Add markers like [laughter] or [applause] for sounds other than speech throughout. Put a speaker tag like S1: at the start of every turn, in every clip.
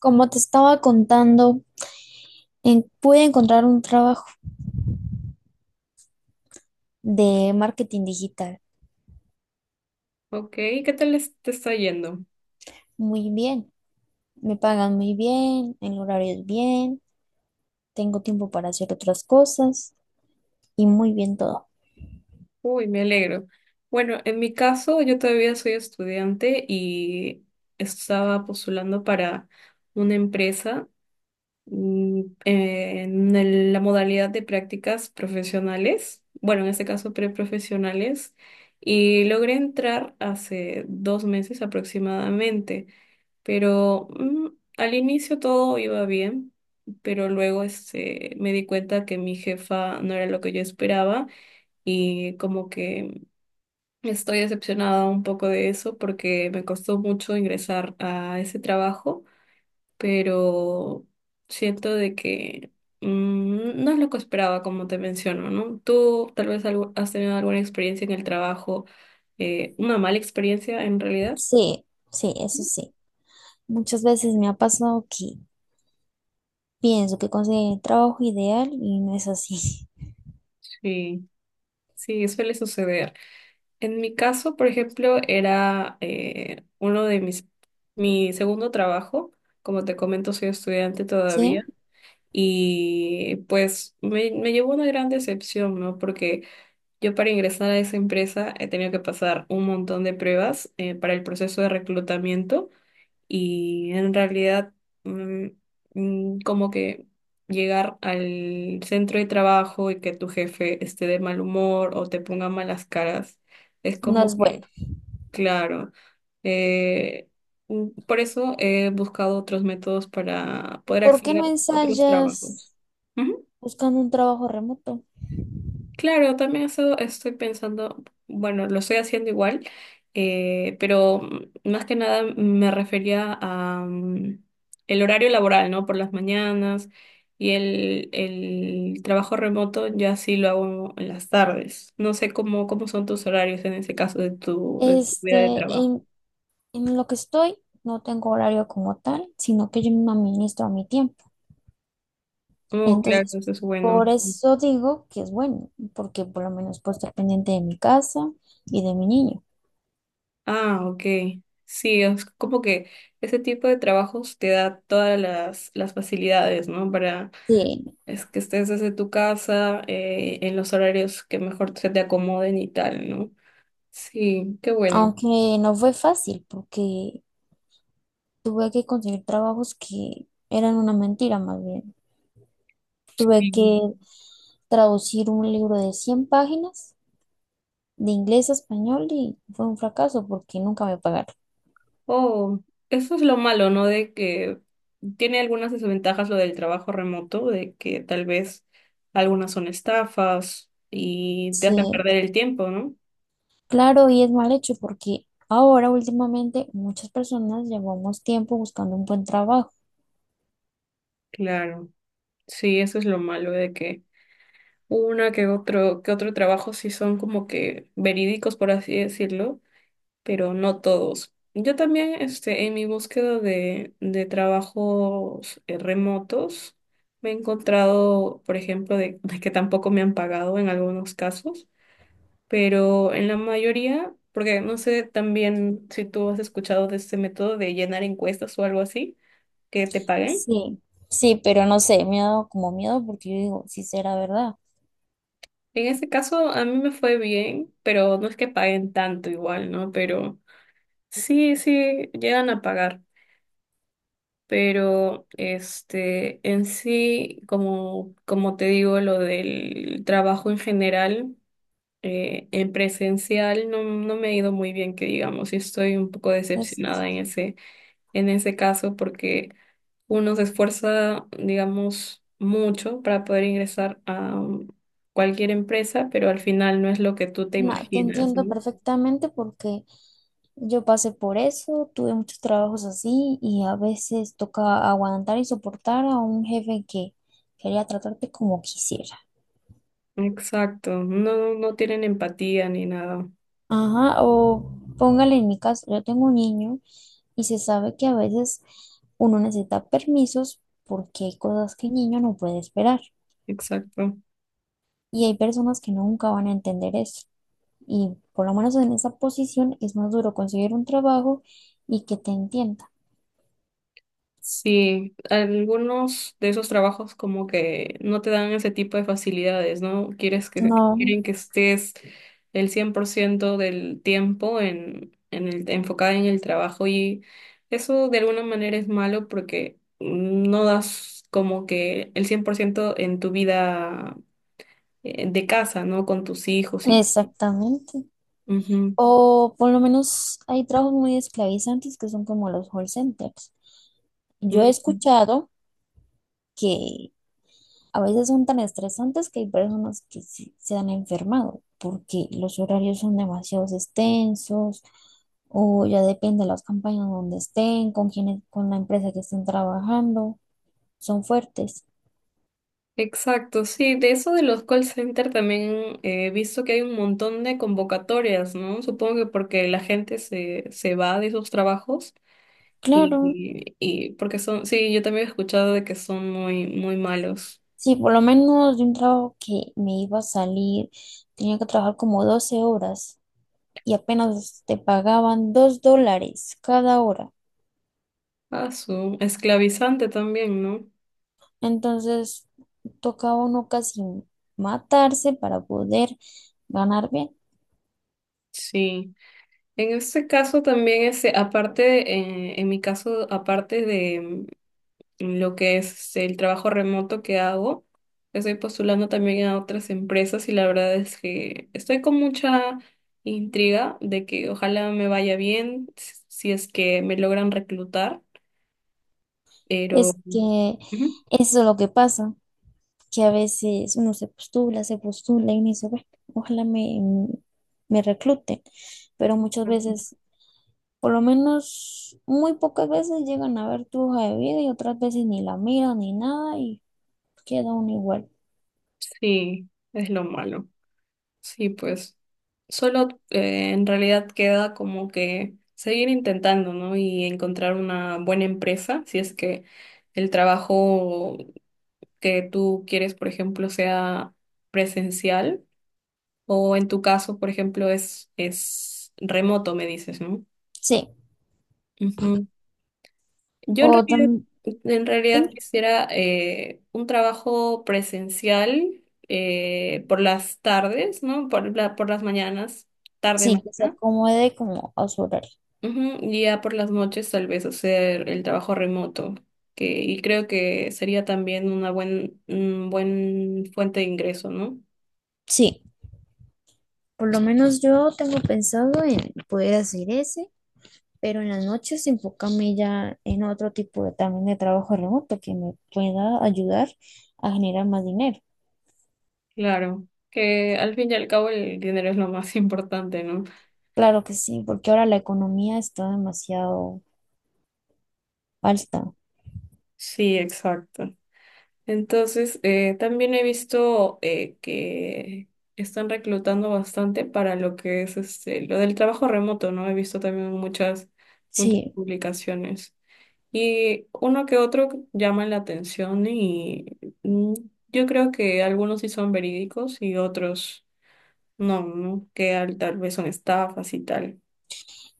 S1: Como te estaba contando, pude encontrar un trabajo de marketing digital
S2: Ok, ¿qué tal te está yendo?
S1: muy bien. Me pagan muy bien, el horario es bien, tengo tiempo para hacer otras cosas y muy bien todo.
S2: Uy, me alegro. Bueno, en mi caso, yo todavía soy estudiante y estaba postulando para una empresa, la modalidad de prácticas profesionales, bueno, en este caso preprofesionales, y logré entrar hace 2 meses aproximadamente. Pero al inicio todo iba bien, pero luego me di cuenta que mi jefa no era lo que yo esperaba, y como que estoy decepcionada un poco de eso porque me costó mucho ingresar a ese trabajo, pero siento de que, no es lo que esperaba, como te menciono, ¿no? Tú tal vez has tenido alguna experiencia en el trabajo, una mala experiencia en realidad.
S1: Sí, sí, eso sí. Muchas veces me ha pasado que pienso que conseguí el trabajo ideal y no es así.
S2: Sí, sí, suele suceder. En mi caso, por ejemplo, era, mi segundo trabajo. Como te comento, soy estudiante
S1: [laughs]
S2: todavía,
S1: ¿Sí?
S2: y pues me llevó una gran decepción, ¿no? Porque yo para ingresar a esa empresa he tenido que pasar un montón de pruebas, para el proceso de reclutamiento, y en realidad, mm, como que llegar al centro de trabajo y que tu jefe esté de mal humor o te ponga malas caras. Es
S1: No
S2: como
S1: es bueno.
S2: que. Claro. eh, por eso he buscado otros métodos para poder
S1: ¿Por qué no
S2: acceder a otros trabajos.
S1: ensayas
S2: Ujú.
S1: buscando un trabajo remoto?
S2: Claro, también eso estoy pensando, bueno, lo estoy haciendo igual, pero más que nada me refería a, el horario laboral, ¿no? Por las mañanas, y el trabajo remoto ya sí lo hago en las tardes. No sé cómo son tus horarios en ese caso de tu vida de
S1: Este,
S2: trabajo.
S1: en lo que estoy, no tengo horario como tal, sino que yo me administro a mi tiempo.
S2: Oh, claro,
S1: Entonces,
S2: eso es bueno.
S1: por eso digo que es bueno, porque por lo menos puedo estar pendiente de mi casa y de mi niño.
S2: Ah, ok. Sí, es como que ese tipo de trabajos te da todas las facilidades, ¿no? Para
S1: Sí,
S2: es que estés desde tu casa, en los horarios que mejor se te acomoden y tal, ¿no? Sí, qué bueno.
S1: aunque no fue fácil, porque tuve que conseguir trabajos que eran una mentira más bien. Tuve
S2: Sí.
S1: que traducir un libro de 100 páginas de inglés a español y fue un fracaso porque nunca me pagaron.
S2: Oh, eso es lo malo, ¿no? De que tiene algunas desventajas lo del trabajo remoto, de que tal vez algunas son estafas y te hacen
S1: Sí,
S2: perder el tiempo, ¿no?
S1: claro, y es mal hecho porque ahora últimamente muchas personas llevamos tiempo buscando un buen trabajo.
S2: Claro. Sí, eso es lo malo de que una que otro trabajo sí son como que verídicos, por así decirlo, pero no todos. Yo también, en mi búsqueda de trabajos, remotos, me he encontrado, por ejemplo, de que tampoco me han pagado en algunos casos, pero en la mayoría, porque no sé también si tú has escuchado de este método de llenar encuestas o algo así que te paguen.
S1: Sí, sí, pero no sé, me ha dado como miedo porque yo digo, si será verdad.
S2: En este caso a mí me fue bien, pero no es que paguen tanto igual, ¿no? Pero sí, sí, llegan a pagar, pero en sí, como te digo, lo del trabajo en general, en presencial no, no me ha ido muy bien, que digamos, y estoy un poco
S1: Es,
S2: decepcionada en ese caso, porque uno se esfuerza, digamos, mucho para poder ingresar a cualquier empresa, pero al final no es lo que tú te
S1: Te
S2: imaginas,
S1: entiendo
S2: ¿no?
S1: perfectamente porque yo pasé por eso, tuve muchos trabajos así y a veces toca aguantar y soportar a un jefe que quería tratarte como quisiera.
S2: Exacto, no, no, no tienen empatía ni nada.
S1: Ajá, o póngale en mi caso, yo tengo un niño y se sabe que a veces uno necesita permisos porque hay cosas que el niño no puede esperar
S2: Exacto.
S1: y hay personas que nunca van a entender eso. Y por lo menos en esa posición es más duro conseguir un trabajo y que te entienda.
S2: Sí, algunos de esos trabajos como que no te dan ese tipo de facilidades, ¿no?
S1: No,
S2: Quieren que estés el 100% del tiempo en enfocada en el trabajo, y eso de alguna manera es malo porque no das como que el 100% en tu vida, de casa, ¿no? Con tus hijos y...
S1: exactamente.
S2: Ujú,
S1: O por lo menos hay trabajos muy esclavizantes que son como los call centers. Yo he
S2: ujú.
S1: escuchado que a veces son tan estresantes que hay personas que se han enfermado porque los horarios son demasiado extensos o ya depende de las campañas donde estén, con quienes con la empresa que estén trabajando, son fuertes.
S2: Exacto, sí, de eso de los call center también, he visto que hay un montón de convocatorias, ¿no? Supongo que porque la gente se va de esos trabajos, y,
S1: Claro,
S2: porque son, sí, yo también he escuchado de que son muy, muy malos.
S1: sí, por lo menos de un trabajo que me iba a salir, tenía que trabajar como 12 horas y apenas te pagaban $2 cada hora.
S2: Ah, su esclavizante también, ¿no?
S1: Entonces tocaba uno casi matarse para poder ganar bien.
S2: Sí. En este caso también, aparte, en mi caso, aparte de, lo que es el trabajo remoto que hago. Estoy postulando también a otras empresas, y la verdad es que estoy con mucha intriga de que ojalá me vaya bien si es que me logran reclutar, pero
S1: Es que
S2: ujú,
S1: eso es lo que pasa, que a veces uno se postula y uno dice, "Bueno, ojalá me recluten, pero muchas veces, por lo menos muy pocas veces llegan a ver tu hoja de vida y otras veces ni la miran ni nada y queda uno igual.
S2: sí, es lo malo. Sí, pues solo, en realidad queda como que seguir intentando, ¿no? Y encontrar una buena empresa si es que el trabajo que tú quieres, por ejemplo, sea presencial, o en tu caso, por ejemplo, es remoto, me dices, ¿no?
S1: Sí,
S2: Ujú. Yo en
S1: o
S2: realidad,
S1: también,
S2: en realidad quisiera, un trabajo presencial, por las tardes, ¿no? Por las mañanas, tarde,
S1: sí, que se
S2: mañana.
S1: acomode como a su horario.
S2: Ujú, y ya por las noches tal vez hacer el trabajo remoto, que, y creo que sería también un buen fuente de ingreso, ¿no?
S1: Sí, por lo menos yo tengo pensado en poder hacer eso pero en las noches enfocarme ya en otro tipo de, también de trabajo remoto que me pueda ayudar a generar más dinero.
S2: Claro, que al fin y al cabo el dinero es lo más [laughs] importante, ¿no?
S1: Claro que sí, porque ahora la economía está demasiado alta.
S2: Sí, exacto. Entonces, también he visto, que están reclutando bastante para lo que es lo del trabajo remoto, ¿no? He visto también muchas, muchas
S1: Sí,
S2: publicaciones. Y uno que otro llama la atención y, mm, yo creo que algunos sí son verídicos y otros no, ¿no? Que tal vez son estafas y tal.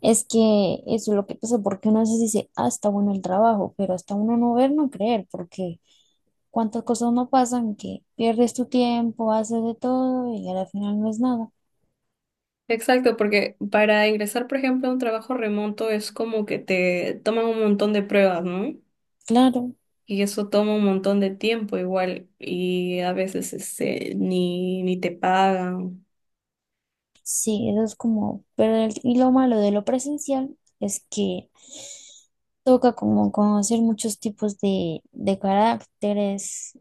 S1: es que eso es lo que pasa, porque uno a veces dice, ah, está bueno el trabajo, pero hasta uno no ver, no creer, porque cuántas cosas no pasan que pierdes tu tiempo, haces de todo y al final no es nada.
S2: Exacto, porque para ingresar, por ejemplo, a un trabajo remoto es como que te toman un montón de pruebas, ¿no?
S1: Claro.
S2: Y eso toma un montón de tiempo igual, y a veces ni te pagan.
S1: Sí, eso es como, pero el- y lo malo de lo presencial es que toca como conocer muchos tipos de, caracteres,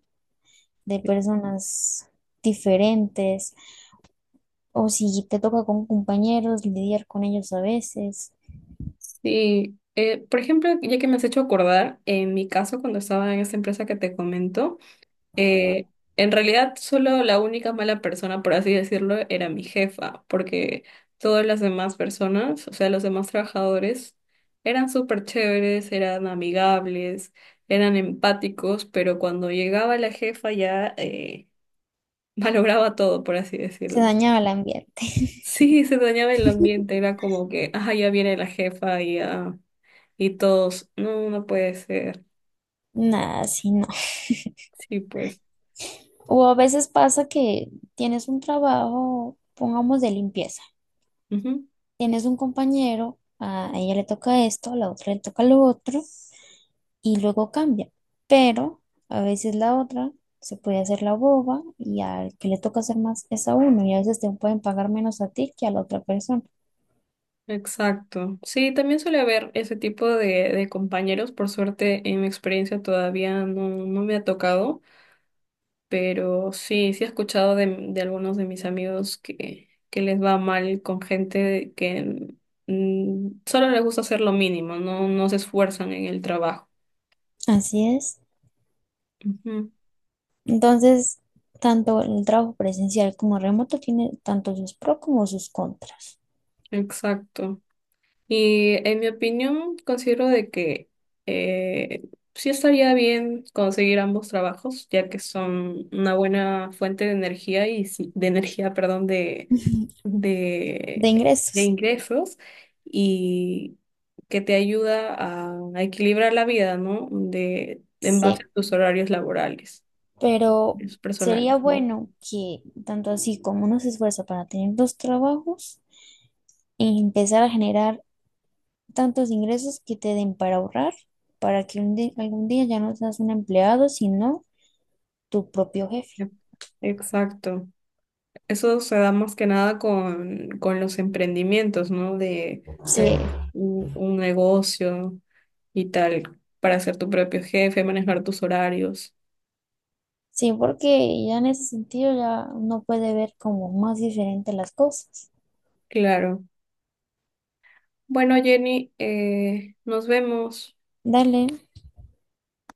S1: de personas diferentes, o si te toca con compañeros, lidiar con ellos a veces,
S2: Sí, por ejemplo, ya que me has hecho acordar, en mi caso cuando estaba en esta empresa que te comento, Eh, en realidad, solo la única mala persona, por así decirlo, era mi jefa, porque todas las demás personas, o sea, los demás trabajadores, eran súper chéveres, eran amigables, eran empáticos, pero cuando llegaba la jefa ya, [laughs] malograba todo, por así
S1: se
S2: decirlo.
S1: dañaba el ambiente. [laughs]
S2: Sí, se dañaba el ambiente, era como que, ah, ya viene la jefa y, ah, y todos, no, no puede ser.
S1: Nada, sí, no.
S2: Sí, pues.
S1: O a veces pasa que tienes un trabajo, pongamos de limpieza.
S2: Ujú.
S1: Tienes un compañero, a ella le toca esto, a la otra le toca lo otro, y luego cambia. Pero a veces la otra se puede hacer la boba y al que le toca hacer más es a uno, y a veces te pueden pagar menos a ti que a la otra persona.
S2: Exacto. Sí, también suele haber ese tipo de compañeros. Por suerte, en mi experiencia todavía no, no me ha tocado, pero sí, sí he escuchado de algunos de mis amigos que les va mal con gente que solo les gusta hacer lo mínimo, no, no se esfuerzan en el trabajo.
S1: Así es.
S2: Ujú,
S1: Entonces, tanto el trabajo presencial como remoto tiene tanto sus pros como sus contras.
S2: exacto. Y en mi opinión, considero de que, eh, sí estaría bien conseguir ambos trabajos, ya que son una buena fuente de energía y de energía, perdón,
S1: [laughs] De
S2: de, de
S1: ingresos.
S2: ingresos, y que te ayuda a equilibrar la vida, ¿no? De, en base
S1: Sí,
S2: a tus horarios laborales,
S1: pero
S2: tus
S1: sería
S2: personales. ¿No?
S1: bueno que tanto así como uno se esfuerza para tener dos trabajos, empezar a generar tantos ingresos que te den para ahorrar, para que algún día ya no seas un empleado, sino tu propio jefe.
S2: Exacto. Eso se da más que nada con los emprendimientos, ¿no? De tal
S1: Sí,
S2: vez un negocio y tal, para ser tu propio jefe, manejar tus horarios.
S1: sí, porque ya en ese sentido ya uno puede ver como más diferente las cosas.
S2: Claro. Bueno, Jenny, nos vemos.
S1: Dale.